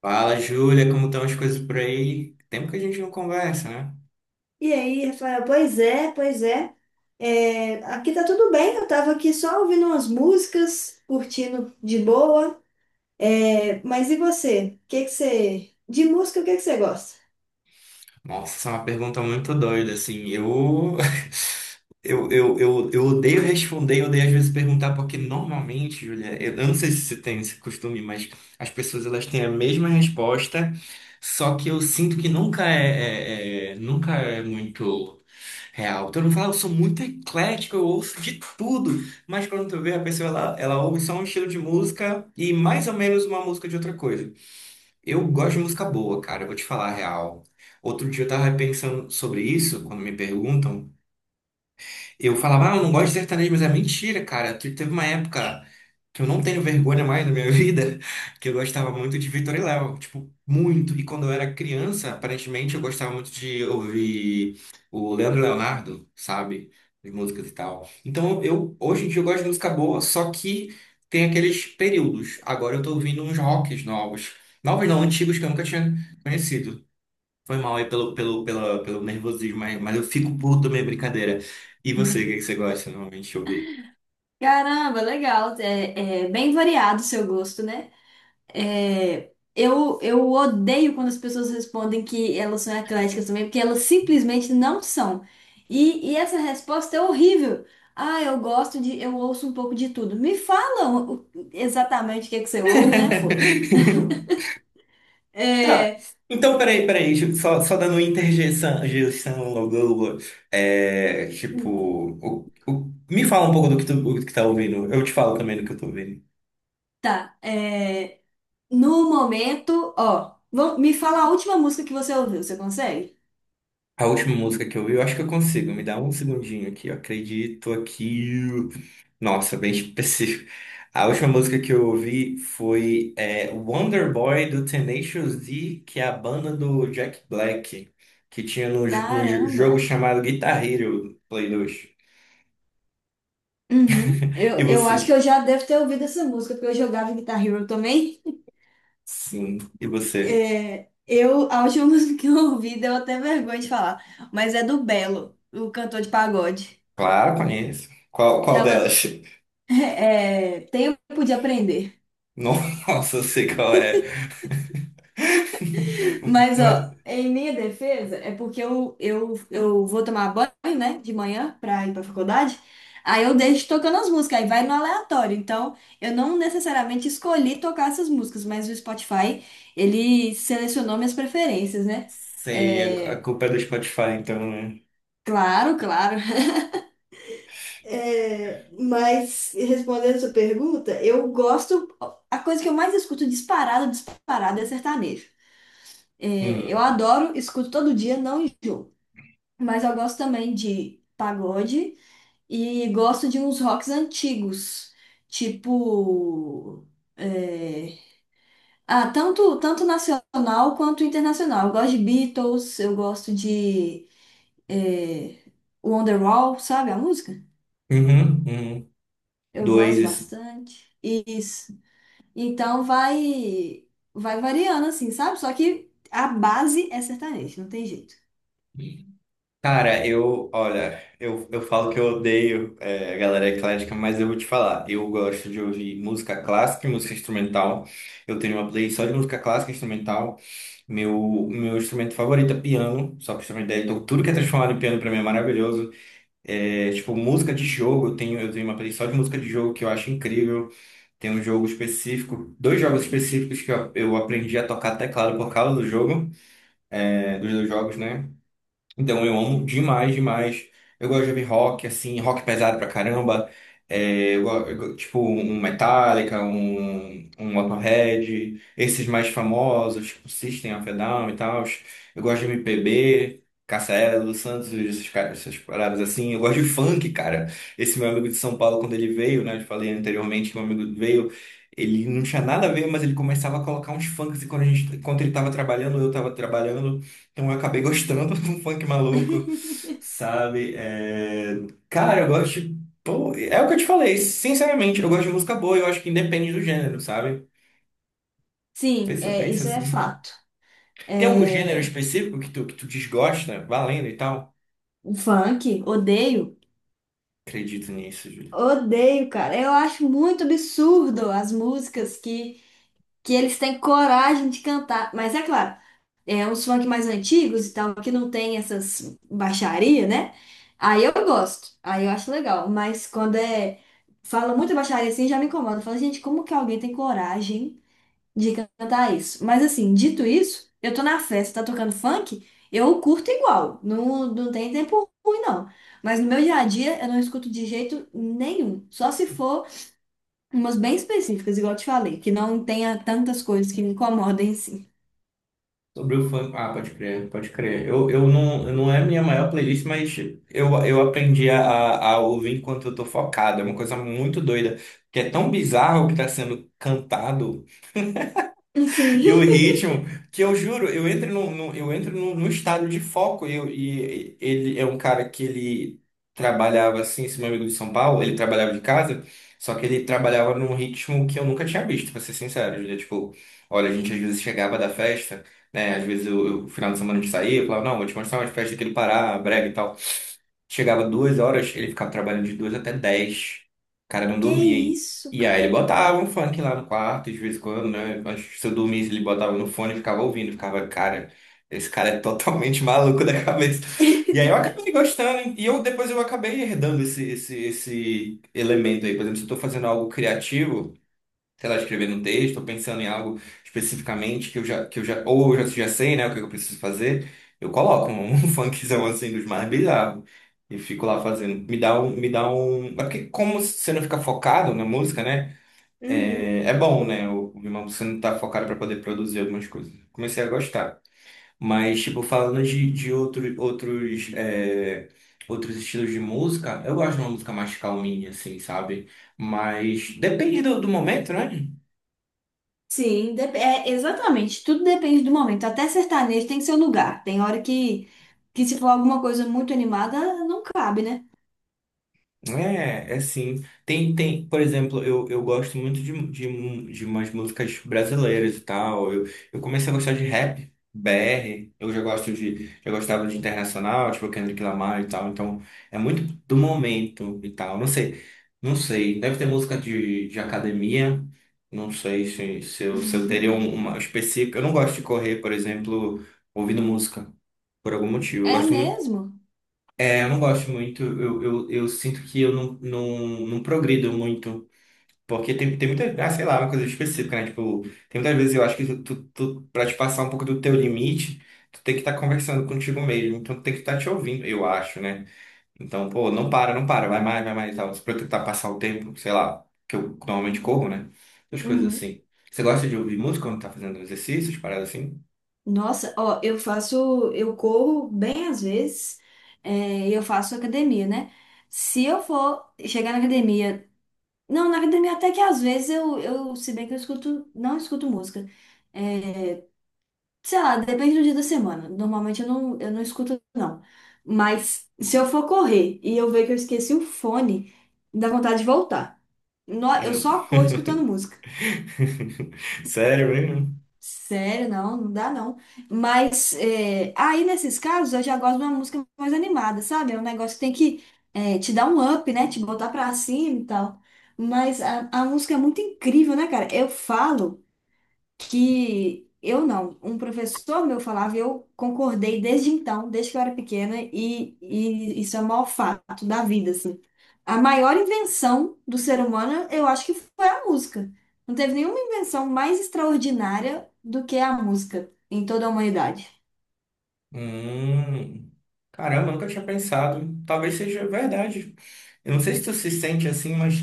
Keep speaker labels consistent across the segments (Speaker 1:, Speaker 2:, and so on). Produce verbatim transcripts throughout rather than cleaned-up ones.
Speaker 1: Fala, Júlia, como estão as coisas por aí? Tempo que a gente não conversa, né?
Speaker 2: E aí, Rafael, pois é, pois é. É, aqui tá tudo bem, eu tava aqui só ouvindo umas músicas, curtindo de boa. É, mas e você? O que que você. De música, o que que você gosta?
Speaker 1: Nossa, essa é uma pergunta muito doida, assim. Eu, eu, eu, eu, eu odeio responder, eu odeio às vezes perguntar, porque normalmente, Júlia, eu, eu não sei se você tem esse costume, mas as pessoas elas têm a mesma resposta, só que eu sinto que nunca é, é- é- nunca é muito. Real. Todo mundo fala, eu sou muito eclético, eu ouço de tudo. Mas quando tu vê a pessoa, ela, ela ouve só um estilo de música e mais ou menos uma música de outra coisa. Eu gosto de música boa, cara, eu vou te falar a real. Outro dia eu tava pensando sobre isso, quando me perguntam. Eu falava, ah, eu não gosto de sertanejo, mas é mentira, cara. Te- Teve uma época que eu não tenho vergonha mais na minha vida, que eu gostava muito de Vitor e Léo, tipo, muito. E quando eu era criança, aparentemente eu gostava muito de ouvir o Leandro Leonardo, sabe? As músicas e tal. Então eu, hoje em dia, eu gosto de música boa, só que tem aqueles períodos. Agora eu tô ouvindo uns rocks novos. Novos não, antigos que eu nunca tinha conhecido. Foi mal aí pelo, pelo, pela, pelo nervosismo, mas, mas eu fico puto também, é brincadeira. E você, o que é que você gosta normalmente de ouvir?
Speaker 2: Caramba, legal. É, é bem variado o seu gosto, né? É, eu, eu odeio quando as pessoas respondem que elas são ecléticas também, porque elas simplesmente não são. E, e essa resposta é horrível. Ah, eu gosto de, eu ouço um pouco de tudo. Me fala o- o- exatamente o que é que você ouve, né, pô?
Speaker 1: Tá.
Speaker 2: É,
Speaker 1: Então, peraí, peraí, tipo, só, só dando interjeição, interjeição, blá, blá, blá. É, tipo, o- o- me fala um pouco do que tu, do que tá ouvindo, eu te falo também do que eu tô ouvindo.
Speaker 2: tá. é, no momento, ó, vam- me fala a última música que você ouviu, você consegue?
Speaker 1: A última música que eu vi, eu acho que eu consigo. Me dá um segundinho aqui. Eu acredito aqui. Nossa, bem específico. A última música que eu ouvi foi é, Wonder Boy do Tenacious D, que é a banda do Jack Black, que tinha no, j- no j-
Speaker 2: Caramba.
Speaker 1: jogo chamado Guitar Hero Play dois.
Speaker 2: Uhum.
Speaker 1: E
Speaker 2: Eu, eu acho que
Speaker 1: você?
Speaker 2: eu já devo ter ouvido essa música, porque eu jogava Guitar Hero também.
Speaker 1: Sim. E você?
Speaker 2: É, eu, a última música que eu ouvi deu até vergonha de falar, mas é do Belo, o cantor de pagode.
Speaker 1: Claro, conheço. Qual, qual
Speaker 2: Chama,
Speaker 1: delas?
Speaker 2: é, Tempo de Aprender.
Speaker 1: Nossa, eu sei qual é.
Speaker 2: Mas, ó,
Speaker 1: Mas
Speaker 2: em minha defesa, é porque eu, eu, eu vou tomar banho, né, de manhã pra ir pra faculdade. Aí eu deixo tocando as músicas, aí vai no aleatório. Então, eu não necessariamente escolhi tocar essas músicas, mas o Spotify, ele selecionou minhas preferências, né?
Speaker 1: sei, a a
Speaker 2: É,
Speaker 1: culpa é do Spotify, então, né?
Speaker 2: claro, claro. É, mas respondendo a sua pergunta, eu gosto. A coisa que eu mais escuto, disparado, disparado, é sertanejo. É, eu
Speaker 1: Hum.
Speaker 2: adoro, escuto todo dia, não enjoo. Mas eu gosto também de pagode e gosto de uns rocks antigos, tipo. é, ah, tanto, tanto nacional quanto internacional. Eu gosto de Beatles, eu gosto de é, Wonderwall, sabe a música?
Speaker 1: Uhum, uhum.
Speaker 2: Eu gosto
Speaker 1: Dois.
Speaker 2: bastante. E então vai vai variando assim, sabe? Só que a base é sertanejo, não tem jeito.
Speaker 1: Cara, eu, olha, eu, eu falo que eu odeio é, a galera eclética, mas eu vou te falar. Eu gosto de ouvir música clássica e música instrumental. Eu tenho uma playlist só de música clássica e instrumental. Meu, meu instrumento favorito é piano, só pra você ter uma ideia. Então, tudo que é transformado em piano pra mim é maravilhoso. É, tipo, música de jogo, eu tenho, eu tenho uma playlist só de música de jogo que eu acho incrível. Tem um jogo específico, dois jogos específicos que eu, eu aprendi a tocar teclado por causa do jogo. é, dos dois jogos, né? Então eu amo demais, demais. Eu gosto de ouvir rock, assim, rock pesado pra caramba. É, eu, go- eu go- tipo, um Metallica, um, um Motorhead, esses mais famosos, tipo System of a Down e tal. Eu gosto de M P B, Cassiano, Lu Santos, esses caras, essas paradas assim. Eu gosto de funk, cara. Esse meu amigo de São Paulo, quando ele veio, né? Eu falei anteriormente que meu amigo veio. Ele não tinha nada a ver, mas ele começava a colocar uns funks e quando a gente, quando ele estava trabalhando, eu estava trabalhando. Eu acabei gostando do funk maluco, sabe? É, Cara, eu gosto. de- Pô, é o que eu te falei, sinceramente, eu gosto de música boa, eu acho que independe do gênero, sabe?
Speaker 2: Sim,
Speaker 1: Pensa,
Speaker 2: é,
Speaker 1: pensa
Speaker 2: isso é
Speaker 1: assim.
Speaker 2: fato.
Speaker 1: Tem algum gênero
Speaker 2: É,
Speaker 1: específico que tu, que tu desgosta, valendo e tal?
Speaker 2: o funk, odeio.
Speaker 1: Acredito nisso, Júlio.
Speaker 2: Odeio, cara. Eu acho muito absurdo as músicas que que eles têm coragem de cantar. Mas é claro, é uns funk mais antigos e tal, que não tem essas baixaria, né? Aí eu gosto, aí eu acho legal. Mas quando é. Fala muita baixaria assim, já me incomoda. Fala, gente, como que alguém tem coragem de cantar isso? Mas assim, dito isso, eu tô na festa, tá tocando funk, eu curto igual. Não, não tem tempo ruim, não. Mas no meu dia a dia, eu não escuto de jeito nenhum. Só se for. Umas bem específicas, igual eu te falei, que não tenha tantas coisas que me incomodem assim.
Speaker 1: Sobre o funk. Ah, pode crer, pode crer. Eu, eu não, não é a minha maior playlist, mas eu, eu aprendi a, a ouvir enquanto eu tô focado. É uma coisa muito doida, que é tão bizarro o que tá sendo cantado
Speaker 2: Sim.
Speaker 1: e o ritmo, que eu juro, eu entro no, no- eu entro no, no estado de foco. E, eu- e ele é um cara que ele trabalhava assim, esse meu amigo de São Paulo, ele trabalhava de casa, só que ele trabalhava num ritmo que eu nunca tinha visto, pra ser sincero. Julia. Tipo, olha, a gente às vezes chegava da festa, né? Às vezes eu, eu- final de semana a gente saía, eu falava, não, vou te mostrar umas festas aqui do Pará, brega e tal. Chegava duas horas, ele ficava trabalhando de duas até dez. O cara não
Speaker 2: Que
Speaker 1: dormia
Speaker 2: isso,
Speaker 1: e aí ele
Speaker 2: cara?
Speaker 1: botava um funk lá no quarto, de vez em quando, né? Mas se eu dormisse, ele botava no fone e ficava ouvindo, ficava, cara, esse cara é totalmente maluco da cabeça. E aí eu acabei gostando, hein? E eu depois eu acabei herdando esse, esse, esse elemento aí. Por exemplo, se eu tô fazendo algo criativo, sei lá, escrevendo um texto, tô pensando em algo especificamente que eu já, que eu já, ou eu já, já sei, né, o que eu preciso fazer, eu coloco um, um funkzão assim dos mais bizarros. E fico lá fazendo. Me dá um, me dá um. é Porque como você não fica focado na música, né?
Speaker 2: Uhum.
Speaker 1: É, é bom, né? O, o Rimão você não tá focado para poder produzir algumas coisas. Comecei a gostar. Mas, tipo, falando de, de outro, outros, é, outros estilos de música, eu gosto de uma música mais calminha, assim, sabe? Mas depende do, do momento, né?
Speaker 2: Sim, dep- é, exatamente. Tudo depende do momento. Até sertanejo tem seu lugar. Tem hora que, que se for alguma coisa muito animada, não cabe, né?
Speaker 1: É, é sim. Tem, tem, por exemplo, eu, eu gosto muito de, de, mu- de umas músicas brasileiras e tal. Eu, eu comecei a gostar de rap, B R. Eu já gosto de, já gostava de internacional, tipo Kendrick Lamar e tal. Então, é muito do momento e tal. Não sei, não sei. Deve ter música de, de academia. Não sei se, se eu, se eu teria um- uma específica. Eu não gosto de correr, por exemplo, ouvindo música, por algum motivo. Eu
Speaker 2: É
Speaker 1: gosto
Speaker 2: mesmo?
Speaker 1: é, eu não gosto muito, eu, eu, eu sinto que eu não, não, não progrido muito, porque tem, tem muita, ah, sei lá, uma coisa específica, né? Tipo, tem muitas vezes eu acho que tu, tu, tu- pra te passar um pouco do teu limite, tu tem que estar conversando contigo mesmo, então tu tem que estar te ouvindo, eu acho, né? Então, pô, não para, não para, vai mais, vai mais e tal, pra eu tentar passar o tempo, sei lá, que eu normalmente corro, né? Essas coisas
Speaker 2: Uhum.
Speaker 1: assim. Você gosta de ouvir música quando tá fazendo exercícios, paradas assim?
Speaker 2: Nossa, ó, eu faço, eu corro bem às vezes, é, e eu faço academia, né? Se eu for chegar na academia Não, na academia até que às vezes eu, eu, se bem que eu escuto, não escuto música. É, sei lá, depende do dia da semana. Normalmente eu não, eu não escuto, não. Mas se eu for correr e eu ver que eu esqueci o fone, dá vontade de voltar. No- Eu
Speaker 1: Hum.
Speaker 2: só corro escutando música.
Speaker 1: Sério mesmo?
Speaker 2: Sério, não, não dá não. Mas é, aí nesses casos eu já gosto de uma música mais animada, sabe? É um negócio que tem que é, te dar um up, né? Te botar pra cima e tal. Mas a, a música é muito incrível, né, cara? Eu falo que eu não, um professor meu falava, e eu concordei desde então, desde que eu era pequena, e, e isso é o maior fato da vida, assim. A maior invenção do ser humano, eu acho que foi a música. Não teve nenhuma invenção mais extraordinária do que a música em toda a humanidade.
Speaker 1: Hum, Caramba, eu nunca tinha pensado. Talvez seja verdade. Eu não sei se tu se sente assim, mas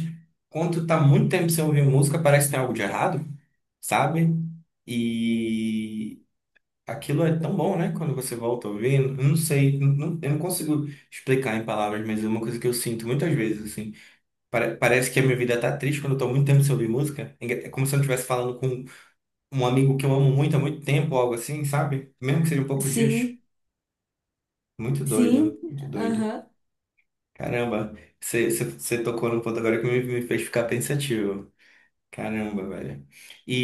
Speaker 1: quando tu tá muito tempo sem ouvir música, parece que tem algo de errado, sabe? E aquilo é tão bom, né? Quando você volta a ouvir, eu não sei, não- não- eu não consigo explicar em palavras, mas é uma coisa que eu sinto muitas vezes, assim. Pare- parece que a minha vida tá triste quando eu tô muito tempo sem ouvir música. É engra- é como se eu não estivesse falando com um amigo que eu amo muito há muito tempo, algo assim, sabe? Mesmo que seja poucos dias.
Speaker 2: Sim,
Speaker 1: Muito doido,
Speaker 2: sim,
Speaker 1: muito doido.
Speaker 2: aham,
Speaker 1: Caramba, você você- você tocou num ponto agora que me, me fez ficar pensativo. Caramba, velho.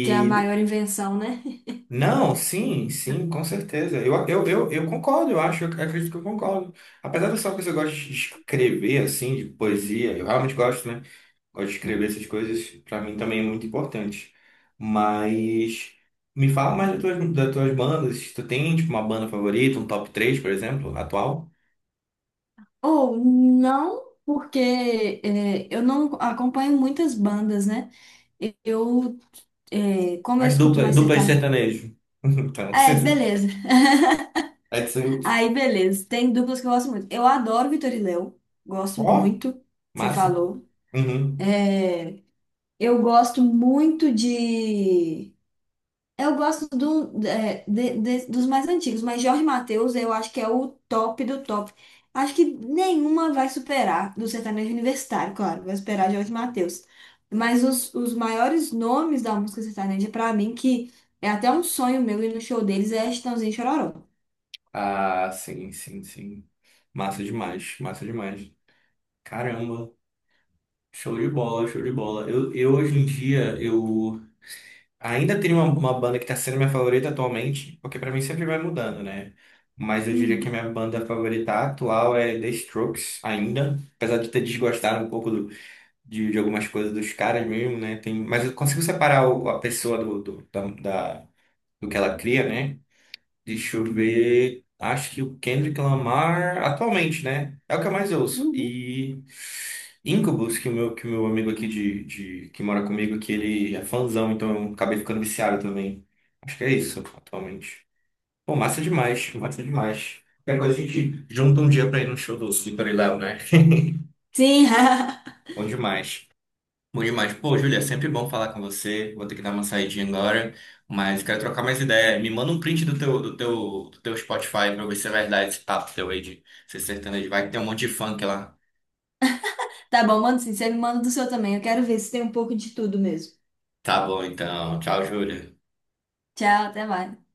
Speaker 2: que é a maior invenção, né?
Speaker 1: não, sim, sim, com certeza. Eu, eu, eu, eu concordo, eu acho, eu acredito que eu concordo. Apesar de só que eu gosto de escrever, assim, de poesia, eu realmente gosto, né? Gosto de escrever essas coisas, pra mim também é muito importante. Mas me fala mais das tuas, das tuas bandas. Tu tem, tipo, uma banda favorita, um top três, por exemplo, atual?
Speaker 2: Ou não, porque é, eu não acompanho muitas bandas, né? Eu É, como eu
Speaker 1: As
Speaker 2: escuto
Speaker 1: dupla
Speaker 2: mais
Speaker 1: dupla de
Speaker 2: sertanejo.
Speaker 1: sertanejo. Então,
Speaker 2: É, beleza.
Speaker 1: é isso aí.
Speaker 2: Aí, beleza. Tem duplas que eu gosto muito. Eu adoro Vitor e Léo. Gosto
Speaker 1: Ó,
Speaker 2: muito. Você
Speaker 1: massa.
Speaker 2: falou.
Speaker 1: Uhum.
Speaker 2: É, eu gosto muito de. Eu gosto do, é, de- de- Dos mais antigos, mas Jorge Mateus eu acho que é o top do top. Acho que nenhuma vai superar, do sertanejo universitário, claro, vai superar Jorge Mateus. Mas os, os maiores nomes da música sertaneja, pra mim, que é até um sonho meu ir no show deles, é Chitãozinho e Chororó.
Speaker 1: Ah, sim, sim, sim. Massa demais, massa demais. Caramba, show de bola, show de bola. Eu, eu hoje em dia, eu ainda tenho uma, uma banda que tá sendo minha favorita atualmente, porque pra mim sempre vai mudando, né? Mas eu diria que a
Speaker 2: Uhum.
Speaker 1: minha banda favorita atual é The Strokes, ainda. Apesar de ter desgostado um pouco do, de, de algumas coisas dos caras mesmo, né? Tem, mas eu consigo separar o- a pessoa do, do, da, da- do que ela cria, né? Deixa eu ver. Acho que o Kendrick Lamar, atualmente, né? É o que eu mais ouço.
Speaker 2: Uhum.
Speaker 1: E Incubus, que o meu, que o meu amigo aqui de, de, que mora comigo, que ele é fãzão, então eu acabei ficando viciado também. Acho que é isso, atualmente. Pô, massa demais, massa demais. Qualquer coisa a gente junta um dia pra ir no show do Slippery Léo, né?
Speaker 2: Sim,
Speaker 1: Bom demais. Bom demais. Pô, Júlia, é sempre bom falar com você. Vou ter que dar uma saidinha agora, mas quero trocar mais ideia. Me manda um print do teu, do teu, do teu Spotify pra eu ver se é verdade esse papo teu aí de ser sertanejo. Vai que tem um monte de funk lá.
Speaker 2: tá bom, manda sim. Você me manda do seu também. Eu quero ver se tem um pouco de tudo mesmo.
Speaker 1: Tá bom, então. Tchau, Júlia.
Speaker 2: Tchau, até mais.